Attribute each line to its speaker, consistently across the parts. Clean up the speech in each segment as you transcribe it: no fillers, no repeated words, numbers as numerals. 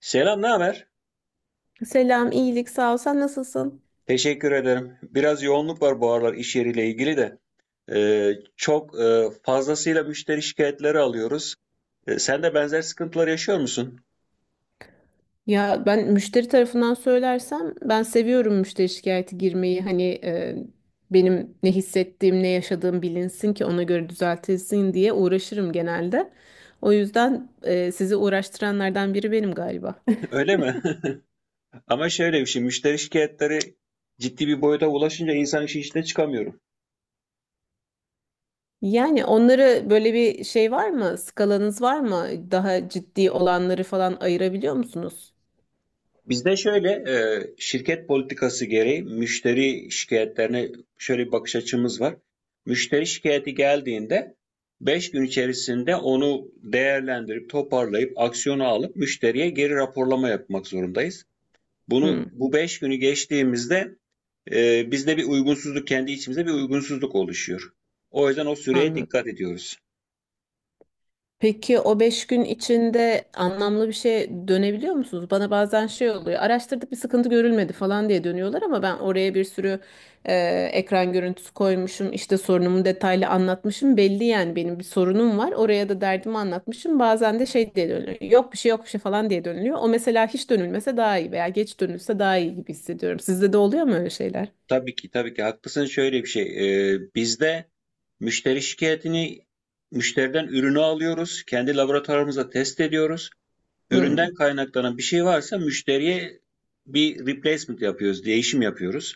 Speaker 1: Selam, ne haber?
Speaker 2: Selam, iyilik, sağ ol. Sen nasılsın?
Speaker 1: Teşekkür ederim. Biraz yoğunluk var bu aralar iş yeriyle ilgili de. Çok fazlasıyla müşteri şikayetleri alıyoruz. Sen de benzer sıkıntılar yaşıyor musun?
Speaker 2: Ya ben müşteri tarafından söylersem ben seviyorum müşteri şikayeti girmeyi. Hani benim ne hissettiğim, ne yaşadığım bilinsin ki ona göre düzeltilsin diye uğraşırım genelde. O yüzden sizi uğraştıranlardan biri benim galiba.
Speaker 1: Öyle mi? Ama şöyle bir şey, müşteri şikayetleri ciddi bir boyuta ulaşınca insan işin içine çıkamıyor.
Speaker 2: Yani onları böyle bir şey var mı? Skalanız var mı? Daha ciddi olanları falan ayırabiliyor musunuz?
Speaker 1: Bizde şöyle, şirket politikası gereği müşteri şikayetlerine şöyle bir bakış açımız var. Müşteri şikayeti geldiğinde 5 gün içerisinde onu değerlendirip toparlayıp aksiyonu alıp müşteriye geri raporlama yapmak zorundayız. Bunu
Speaker 2: Hı,
Speaker 1: bu 5 günü geçtiğimizde bizde bir uygunsuzluk, kendi içimizde bir uygunsuzluk oluşuyor. O yüzden o süreye
Speaker 2: anladım.
Speaker 1: dikkat ediyoruz.
Speaker 2: Peki o 5 gün içinde anlamlı bir şey dönebiliyor musunuz? Bana bazen şey oluyor. Araştırdık bir sıkıntı görülmedi falan diye dönüyorlar ama ben oraya bir sürü e, ekran görüntüsü koymuşum. İşte sorunumu detaylı anlatmışım. Belli yani benim bir sorunum var. Oraya da derdimi anlatmışım. Bazen de şey diye dönüyor. Yok bir şey yok bir şey falan diye dönülüyor. O mesela hiç dönülmese daha iyi veya geç dönülse daha iyi gibi hissediyorum. Sizde de oluyor mu öyle şeyler?
Speaker 1: Tabii ki, tabii ki haklısın. Şöyle bir şey, bizde müşteri şikayetini, müşteriden ürünü alıyoruz, kendi laboratuvarımızda test ediyoruz.
Speaker 2: Hmm.
Speaker 1: Üründen kaynaklanan bir şey varsa müşteriye bir replacement yapıyoruz, değişim yapıyoruz.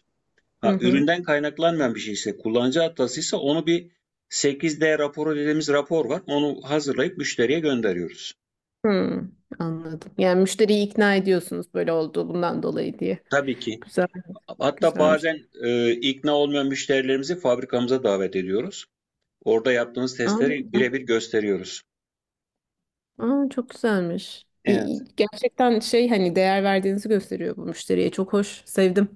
Speaker 2: Hı
Speaker 1: Ha,
Speaker 2: hı.
Speaker 1: üründen kaynaklanmayan bir şey ise, kullanıcı hatasıysa onu bir 8D raporu dediğimiz rapor var. Onu hazırlayıp müşteriye gönderiyoruz.
Speaker 2: Hmm. Anladım. Yani müşteriyi ikna ediyorsunuz böyle oldu bundan dolayı diye.
Speaker 1: Tabii ki.
Speaker 2: Güzel.
Speaker 1: Hatta
Speaker 2: Güzelmiş.
Speaker 1: bazen ikna olmayan müşterilerimizi fabrikamıza davet ediyoruz. Orada yaptığımız
Speaker 2: Aa,
Speaker 1: testleri
Speaker 2: güzel.
Speaker 1: birebir gösteriyoruz.
Speaker 2: Aa, çok güzelmiş.
Speaker 1: Evet,
Speaker 2: İyi. Gerçekten şey hani değer verdiğinizi gösteriyor bu müşteriye. Çok hoş. Sevdim.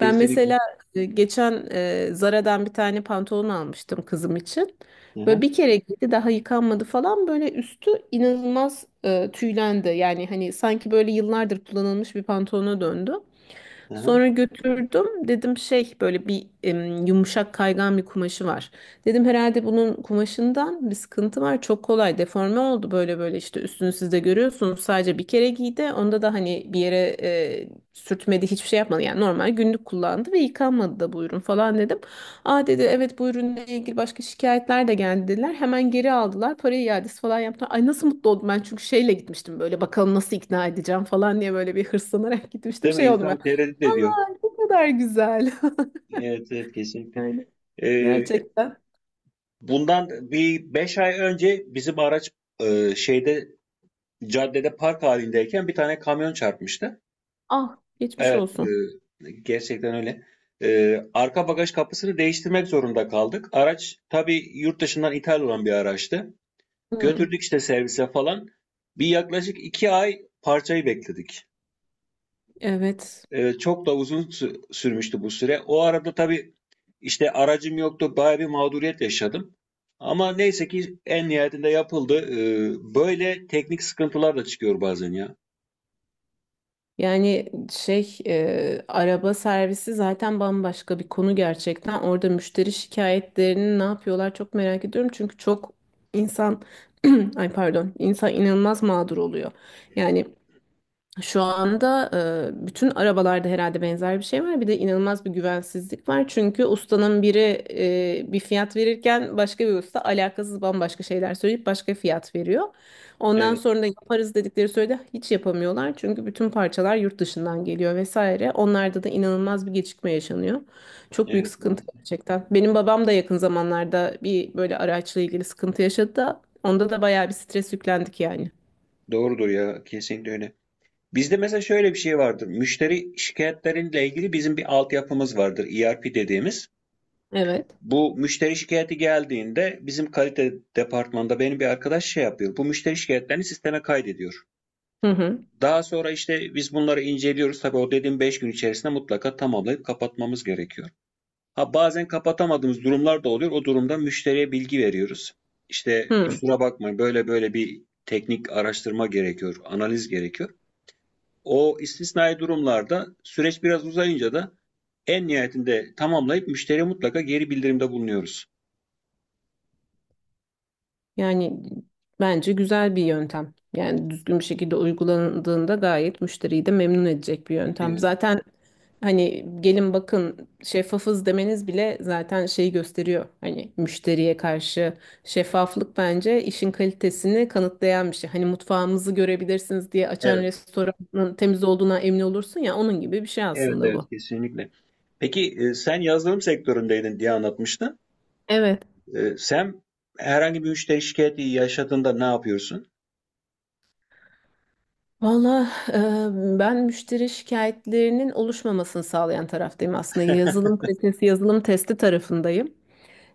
Speaker 2: Ben mesela geçen Zara'dan bir tane pantolon almıştım kızım için.
Speaker 1: Hı
Speaker 2: Böyle
Speaker 1: hı,
Speaker 2: bir kere giydi daha yıkanmadı falan böyle üstü inanılmaz tüylendi. Yani hani sanki böyle yıllardır kullanılmış bir pantolona döndü.
Speaker 1: hı hı.
Speaker 2: Sonra götürdüm. Dedim şey böyle bir yumuşak kaygan bir kumaşı var. Dedim herhalde bunun kumaşından bir sıkıntı var. Çok kolay deforme oldu böyle böyle işte üstünü siz de görüyorsunuz. Sadece bir kere giydi. Onda da hani bir yere sürtmedi hiçbir şey yapmadı. Yani normal günlük kullandı ve yıkanmadı da bu ürün falan dedim. Aa dedi evet bu ürünle ilgili başka şikayetler de geldi dediler. Hemen geri aldılar. Parayı iadesi falan yaptılar. Ay nasıl mutlu oldum ben çünkü şeyle gitmiştim böyle bakalım nasıl ikna edeceğim falan diye böyle bir hırslanarak gitmiştim.
Speaker 1: Değil mi?
Speaker 2: Şey oldum.
Speaker 1: İnsan tereddüt ediyor.
Speaker 2: Aa, ne kadar güzel.
Speaker 1: Evet, evet, kesinlikle.
Speaker 2: Yani
Speaker 1: Ee,
Speaker 2: evet, gerçekten.
Speaker 1: Bundan bir 5 ay önce bizim araç, şeyde, caddede park halindeyken bir tane kamyon çarpmıştı.
Speaker 2: Ah, geçmiş
Speaker 1: Evet,
Speaker 2: olsun.
Speaker 1: gerçekten öyle. Arka bagaj kapısını değiştirmek zorunda kaldık. Araç tabii yurt dışından ithal olan bir araçtı.
Speaker 2: Hmm,
Speaker 1: Götürdük işte servise falan. Bir yaklaşık 2 ay parçayı bekledik.
Speaker 2: evet.
Speaker 1: Çok da uzun sürmüştü bu süre. O arada tabii İşte aracım yoktu. Bayağı bir mağduriyet yaşadım. Ama neyse ki en nihayetinde yapıldı. Böyle teknik sıkıntılar da çıkıyor bazen ya.
Speaker 2: Yani şey araba servisi zaten bambaşka bir konu gerçekten. Orada müşteri şikayetlerini ne yapıyorlar çok merak ediyorum. Çünkü çok insan ay pardon insan inanılmaz mağdur oluyor. Yani şu anda bütün arabalarda herhalde benzer bir şey var. Bir de inanılmaz bir güvensizlik var. Çünkü ustanın biri bir fiyat verirken başka bir usta alakasız bambaşka şeyler söyleyip başka fiyat veriyor. Ondan
Speaker 1: Evet,
Speaker 2: sonra da yaparız dedikleri sürede hiç yapamıyorlar. Çünkü bütün parçalar yurt dışından geliyor vesaire. Onlarda da inanılmaz bir gecikme yaşanıyor. Çok büyük
Speaker 1: evet,
Speaker 2: sıkıntı
Speaker 1: maalesef.
Speaker 2: gerçekten. Benim babam da yakın zamanlarda bir böyle araçla ilgili sıkıntı yaşadı da onda da bayağı bir stres yüklendik yani.
Speaker 1: Doğrudur ya, kesinlikle öyle. Bizde mesela şöyle bir şey vardır. Müşteri şikayetlerinle ilgili bizim bir altyapımız vardır, ERP dediğimiz.
Speaker 2: Evet.
Speaker 1: Bu müşteri şikayeti geldiğinde bizim kalite departmanında benim bir arkadaş şey yapıyor. Bu müşteri şikayetlerini sisteme kaydediyor.
Speaker 2: Hı hı.
Speaker 1: Daha sonra işte biz bunları inceliyoruz. Tabii o dediğim 5 gün içerisinde mutlaka tamamlayıp kapatmamız gerekiyor. Ha, bazen kapatamadığımız durumlar da oluyor. O durumda müşteriye bilgi veriyoruz. İşte
Speaker 2: Hı.
Speaker 1: kusura bakma, böyle böyle bir teknik araştırma gerekiyor, analiz gerekiyor. O istisnai durumlarda süreç biraz uzayınca da en nihayetinde tamamlayıp müşteriye mutlaka geri bildirimde bulunuyoruz.
Speaker 2: Yani bence güzel bir yöntem. Yani düzgün bir şekilde uygulandığında gayet müşteriyi de memnun edecek bir yöntem.
Speaker 1: Evet,
Speaker 2: Zaten hani gelin bakın şeffafız demeniz bile zaten şeyi gösteriyor. Hani müşteriye karşı şeffaflık bence işin kalitesini kanıtlayan bir şey. Hani mutfağımızı görebilirsiniz diye açan
Speaker 1: evet.
Speaker 2: restoranın temiz olduğuna emin olursun ya onun gibi bir şey
Speaker 1: Evet,
Speaker 2: aslında
Speaker 1: evet,
Speaker 2: bu.
Speaker 1: kesinlikle. Peki, sen yazılım sektöründeydin diye anlatmıştın.
Speaker 2: Evet.
Speaker 1: Sen herhangi bir müşteri şikayeti yaşadığında ne yapıyorsun?
Speaker 2: Valla ben müşteri şikayetlerinin oluşmamasını sağlayan taraftayım aslında. Yazılım kalitesi, yazılım testi tarafındayım.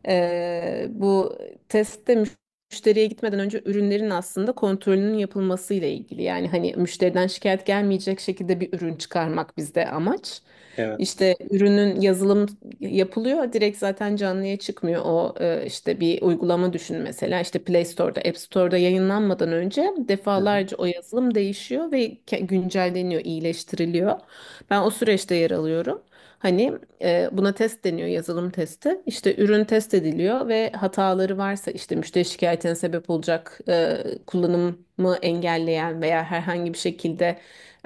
Speaker 2: Bu testte müşteriye gitmeden önce ürünlerin aslında kontrolünün yapılması ile ilgili. Yani hani müşteriden şikayet gelmeyecek şekilde bir ürün çıkarmak bizde amaç.
Speaker 1: Evet.
Speaker 2: İşte ürünün yazılım yapılıyor. Direkt zaten canlıya çıkmıyor. O işte bir uygulama düşün mesela. İşte Play Store'da, App Store'da yayınlanmadan önce defalarca o yazılım değişiyor ve güncelleniyor, iyileştiriliyor. Ben o süreçte yer alıyorum. Hani buna test deniyor, yazılım testi. İşte ürün test ediliyor ve hataları varsa işte müşteri şikayetine sebep olacak kullanımı engelleyen veya herhangi bir şekilde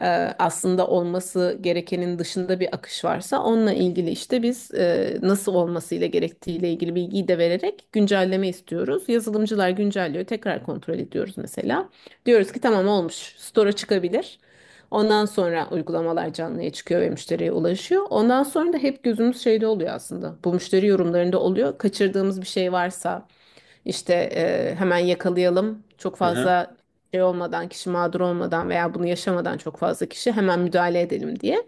Speaker 2: e, aslında olması gerekenin dışında bir akış varsa onunla ilgili işte biz nasıl olmasıyla gerektiğiyle ilgili bilgiyi de vererek güncelleme istiyoruz. Yazılımcılar güncelliyor, tekrar kontrol ediyoruz mesela. Diyoruz ki tamam olmuş, store'a çıkabilir. Ondan sonra uygulamalar canlıya çıkıyor ve müşteriye ulaşıyor. Ondan sonra da hep gözümüz şeyde oluyor aslında. Bu müşteri yorumlarında oluyor. Kaçırdığımız bir şey varsa işte hemen yakalayalım. Çok
Speaker 1: Hı hı.
Speaker 2: fazla şey olmadan, kişi mağdur olmadan veya bunu yaşamadan çok fazla kişi hemen müdahale edelim diye.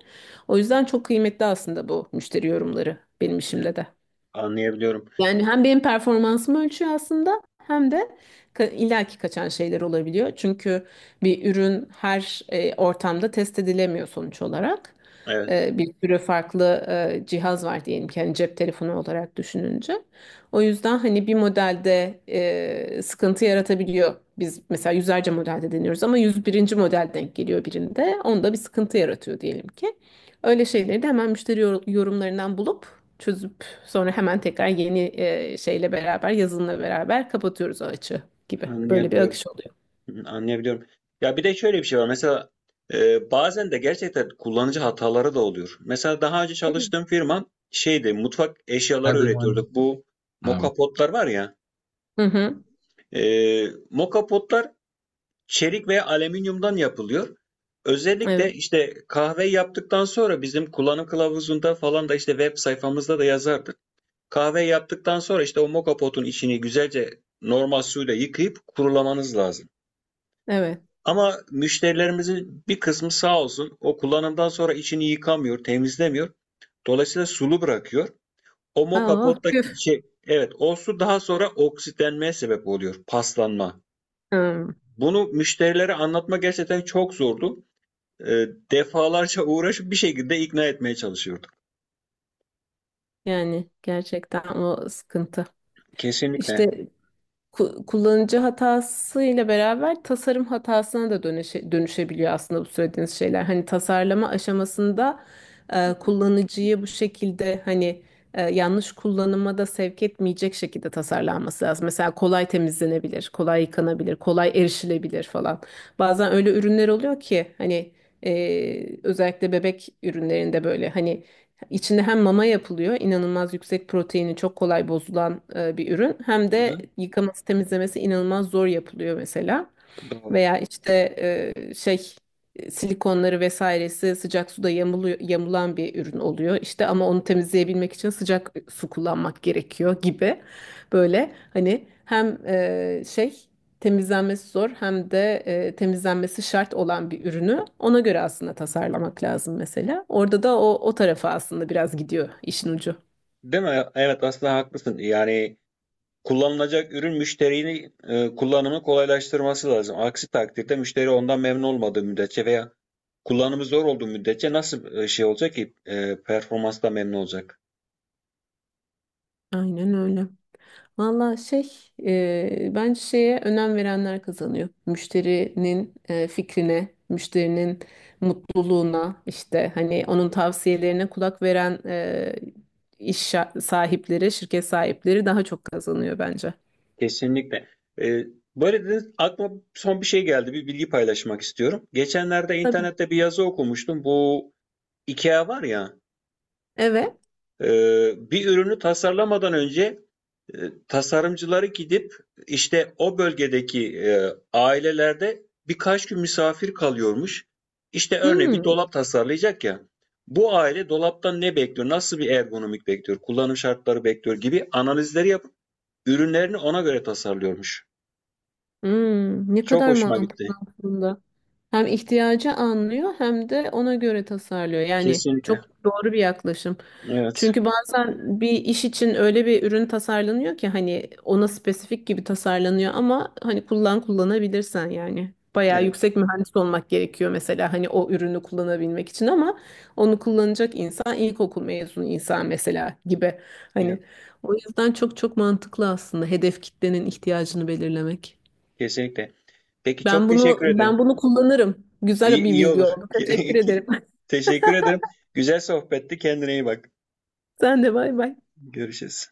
Speaker 2: O yüzden çok kıymetli aslında bu müşteri yorumları benim
Speaker 1: Evet,
Speaker 2: işimde de.
Speaker 1: anlayabiliyorum.
Speaker 2: Yani hem benim performansımı ölçüyor aslında hem de illaki kaçan şeyler olabiliyor. Çünkü bir ürün her ortamda test edilemiyor sonuç olarak.
Speaker 1: Evet,
Speaker 2: Bir sürü farklı cihaz var diyelim ki hani cep telefonu olarak düşününce. O yüzden hani bir modelde sıkıntı yaratabiliyor. Biz mesela yüzlerce modelde deniyoruz ama 101'inci model denk geliyor birinde. Onda bir sıkıntı yaratıyor diyelim ki. Öyle şeyleri de hemen müşteri yorumlarından bulup çözüp. Sonra hemen tekrar yeni şeyle beraber, yazınla beraber kapatıyoruz o açığı gibi. Böyle bir
Speaker 1: anlayabiliyorum.
Speaker 2: akış oluyor.
Speaker 1: Hı, anlayabiliyorum. Ya bir de şöyle bir şey var. Mesela bazen de gerçekten kullanıcı hataları da oluyor. Mesela daha önce çalıştığım firma şeydi, mutfak eşyaları
Speaker 2: Everyone.
Speaker 1: üretiyorduk. Bu
Speaker 2: Um,
Speaker 1: mokapotlar var ya.
Speaker 2: Hı hı.
Speaker 1: E, mokapotlar çelik ve alüminyumdan yapılıyor.
Speaker 2: Evet,
Speaker 1: Özellikle işte kahve yaptıktan sonra bizim kullanım kılavuzunda falan da, işte web sayfamızda da yazardık. Kahve yaptıktan sonra işte o moka potun içini güzelce normal suyla yıkayıp kurulamanız lazım.
Speaker 2: evet.
Speaker 1: Ama müşterilerimizin bir kısmı sağ olsun o kullanımdan sonra içini yıkamıyor, temizlemiyor. Dolayısıyla sulu bırakıyor. O moka
Speaker 2: Aa, küf.
Speaker 1: pottaki şey, evet, o su daha sonra oksitlenmeye sebep oluyor, paslanma.
Speaker 2: Hmm.
Speaker 1: Bunu müşterilere anlatma gerçekten çok zordu. Defalarca uğraşıp bir şekilde ikna etmeye çalışıyorduk.
Speaker 2: Yani gerçekten o sıkıntı.
Speaker 1: Kesinlikle.
Speaker 2: İşte kullanıcı hatasıyla beraber tasarım hatasına da dönüşebiliyor aslında bu söylediğiniz şeyler. Hani tasarlama aşamasında kullanıcıyı bu şekilde hani yanlış kullanıma da sevk etmeyecek şekilde tasarlanması lazım. Mesela kolay temizlenebilir, kolay yıkanabilir, kolay erişilebilir falan. Bazen öyle ürünler oluyor ki hani özellikle bebek ürünlerinde böyle hani İçinde hem mama yapılıyor, inanılmaz yüksek proteini çok kolay bozulan bir ürün. Hem
Speaker 1: Hı
Speaker 2: de
Speaker 1: hı.
Speaker 2: yıkaması, temizlemesi inanılmaz zor yapılıyor mesela.
Speaker 1: Doğru.
Speaker 2: Veya işte e, şey silikonları vesairesi sıcak suda yamuluyor, yamulan bir ürün oluyor. İşte ama onu temizleyebilmek için sıcak su kullanmak gerekiyor gibi. Böyle hani hem şey temizlenmesi zor hem de temizlenmesi şart olan bir ürünü ona göre aslında tasarlamak lazım mesela. Orada da o tarafa aslında biraz gidiyor işin ucu.
Speaker 1: Değil mi? Evet, aslında haklısın. Yani kullanılacak ürün müşterinin kullanımı kolaylaştırması lazım. Aksi takdirde müşteri ondan memnun olmadığı müddetçe veya kullanımı zor olduğu müddetçe nasıl şey olacak ki performansla memnun olacak?
Speaker 2: Aynen öyle. Valla şey bence şeye önem verenler kazanıyor. Müşterinin fikrine, müşterinin mutluluğuna işte hani onun tavsiyelerine kulak veren sahipleri, şirket sahipleri daha çok kazanıyor bence.
Speaker 1: Kesinlikle. E, böyle dediniz, aklıma son bir şey geldi. Bir bilgi paylaşmak istiyorum. Geçenlerde
Speaker 2: Tabii.
Speaker 1: internette bir yazı okumuştum. Bu IKEA var ya.
Speaker 2: Evet.
Speaker 1: Bir ürünü tasarlamadan önce e, tasarımcıları gidip işte o bölgedeki ailelerde birkaç gün misafir kalıyormuş. İşte örneğin bir
Speaker 2: Hmm.
Speaker 1: dolap tasarlayacak ya. Bu aile dolaptan ne bekliyor, nasıl bir ergonomik bekliyor, kullanım şartları bekliyor gibi analizleri yapıp ürünlerini ona göre tasarlıyormuş.
Speaker 2: Hmm, ne
Speaker 1: Çok
Speaker 2: kadar
Speaker 1: hoşuma
Speaker 2: mantıklı
Speaker 1: gitti.
Speaker 2: aslında. Hem ihtiyacı anlıyor hem de ona göre tasarlıyor. Yani
Speaker 1: Kesinlikle.
Speaker 2: çok doğru bir yaklaşım.
Speaker 1: Evet.
Speaker 2: Çünkü bazen bir iş için öyle bir ürün tasarlanıyor ki hani ona spesifik gibi tasarlanıyor ama hani kullan kullanabilirsen yani. Bayağı
Speaker 1: Evet.
Speaker 2: yüksek mühendis olmak gerekiyor mesela hani o ürünü kullanabilmek için ama onu kullanacak insan ilkokul mezunu insan mesela gibi.
Speaker 1: Evet.
Speaker 2: Hani o yüzden çok çok mantıklı aslında hedef kitlenin ihtiyacını belirlemek.
Speaker 1: Kesinlikle. Peki,
Speaker 2: Ben
Speaker 1: çok
Speaker 2: bunu
Speaker 1: teşekkür
Speaker 2: ben
Speaker 1: ederim.
Speaker 2: bunu kullanırım.
Speaker 1: İyi,
Speaker 2: Güzel bir
Speaker 1: iyi
Speaker 2: bilgi
Speaker 1: olur.
Speaker 2: oldu. Teşekkür ederim.
Speaker 1: Teşekkür ederim. Güzel sohbetti. Kendine iyi bak.
Speaker 2: Sen de bay bay.
Speaker 1: Görüşürüz.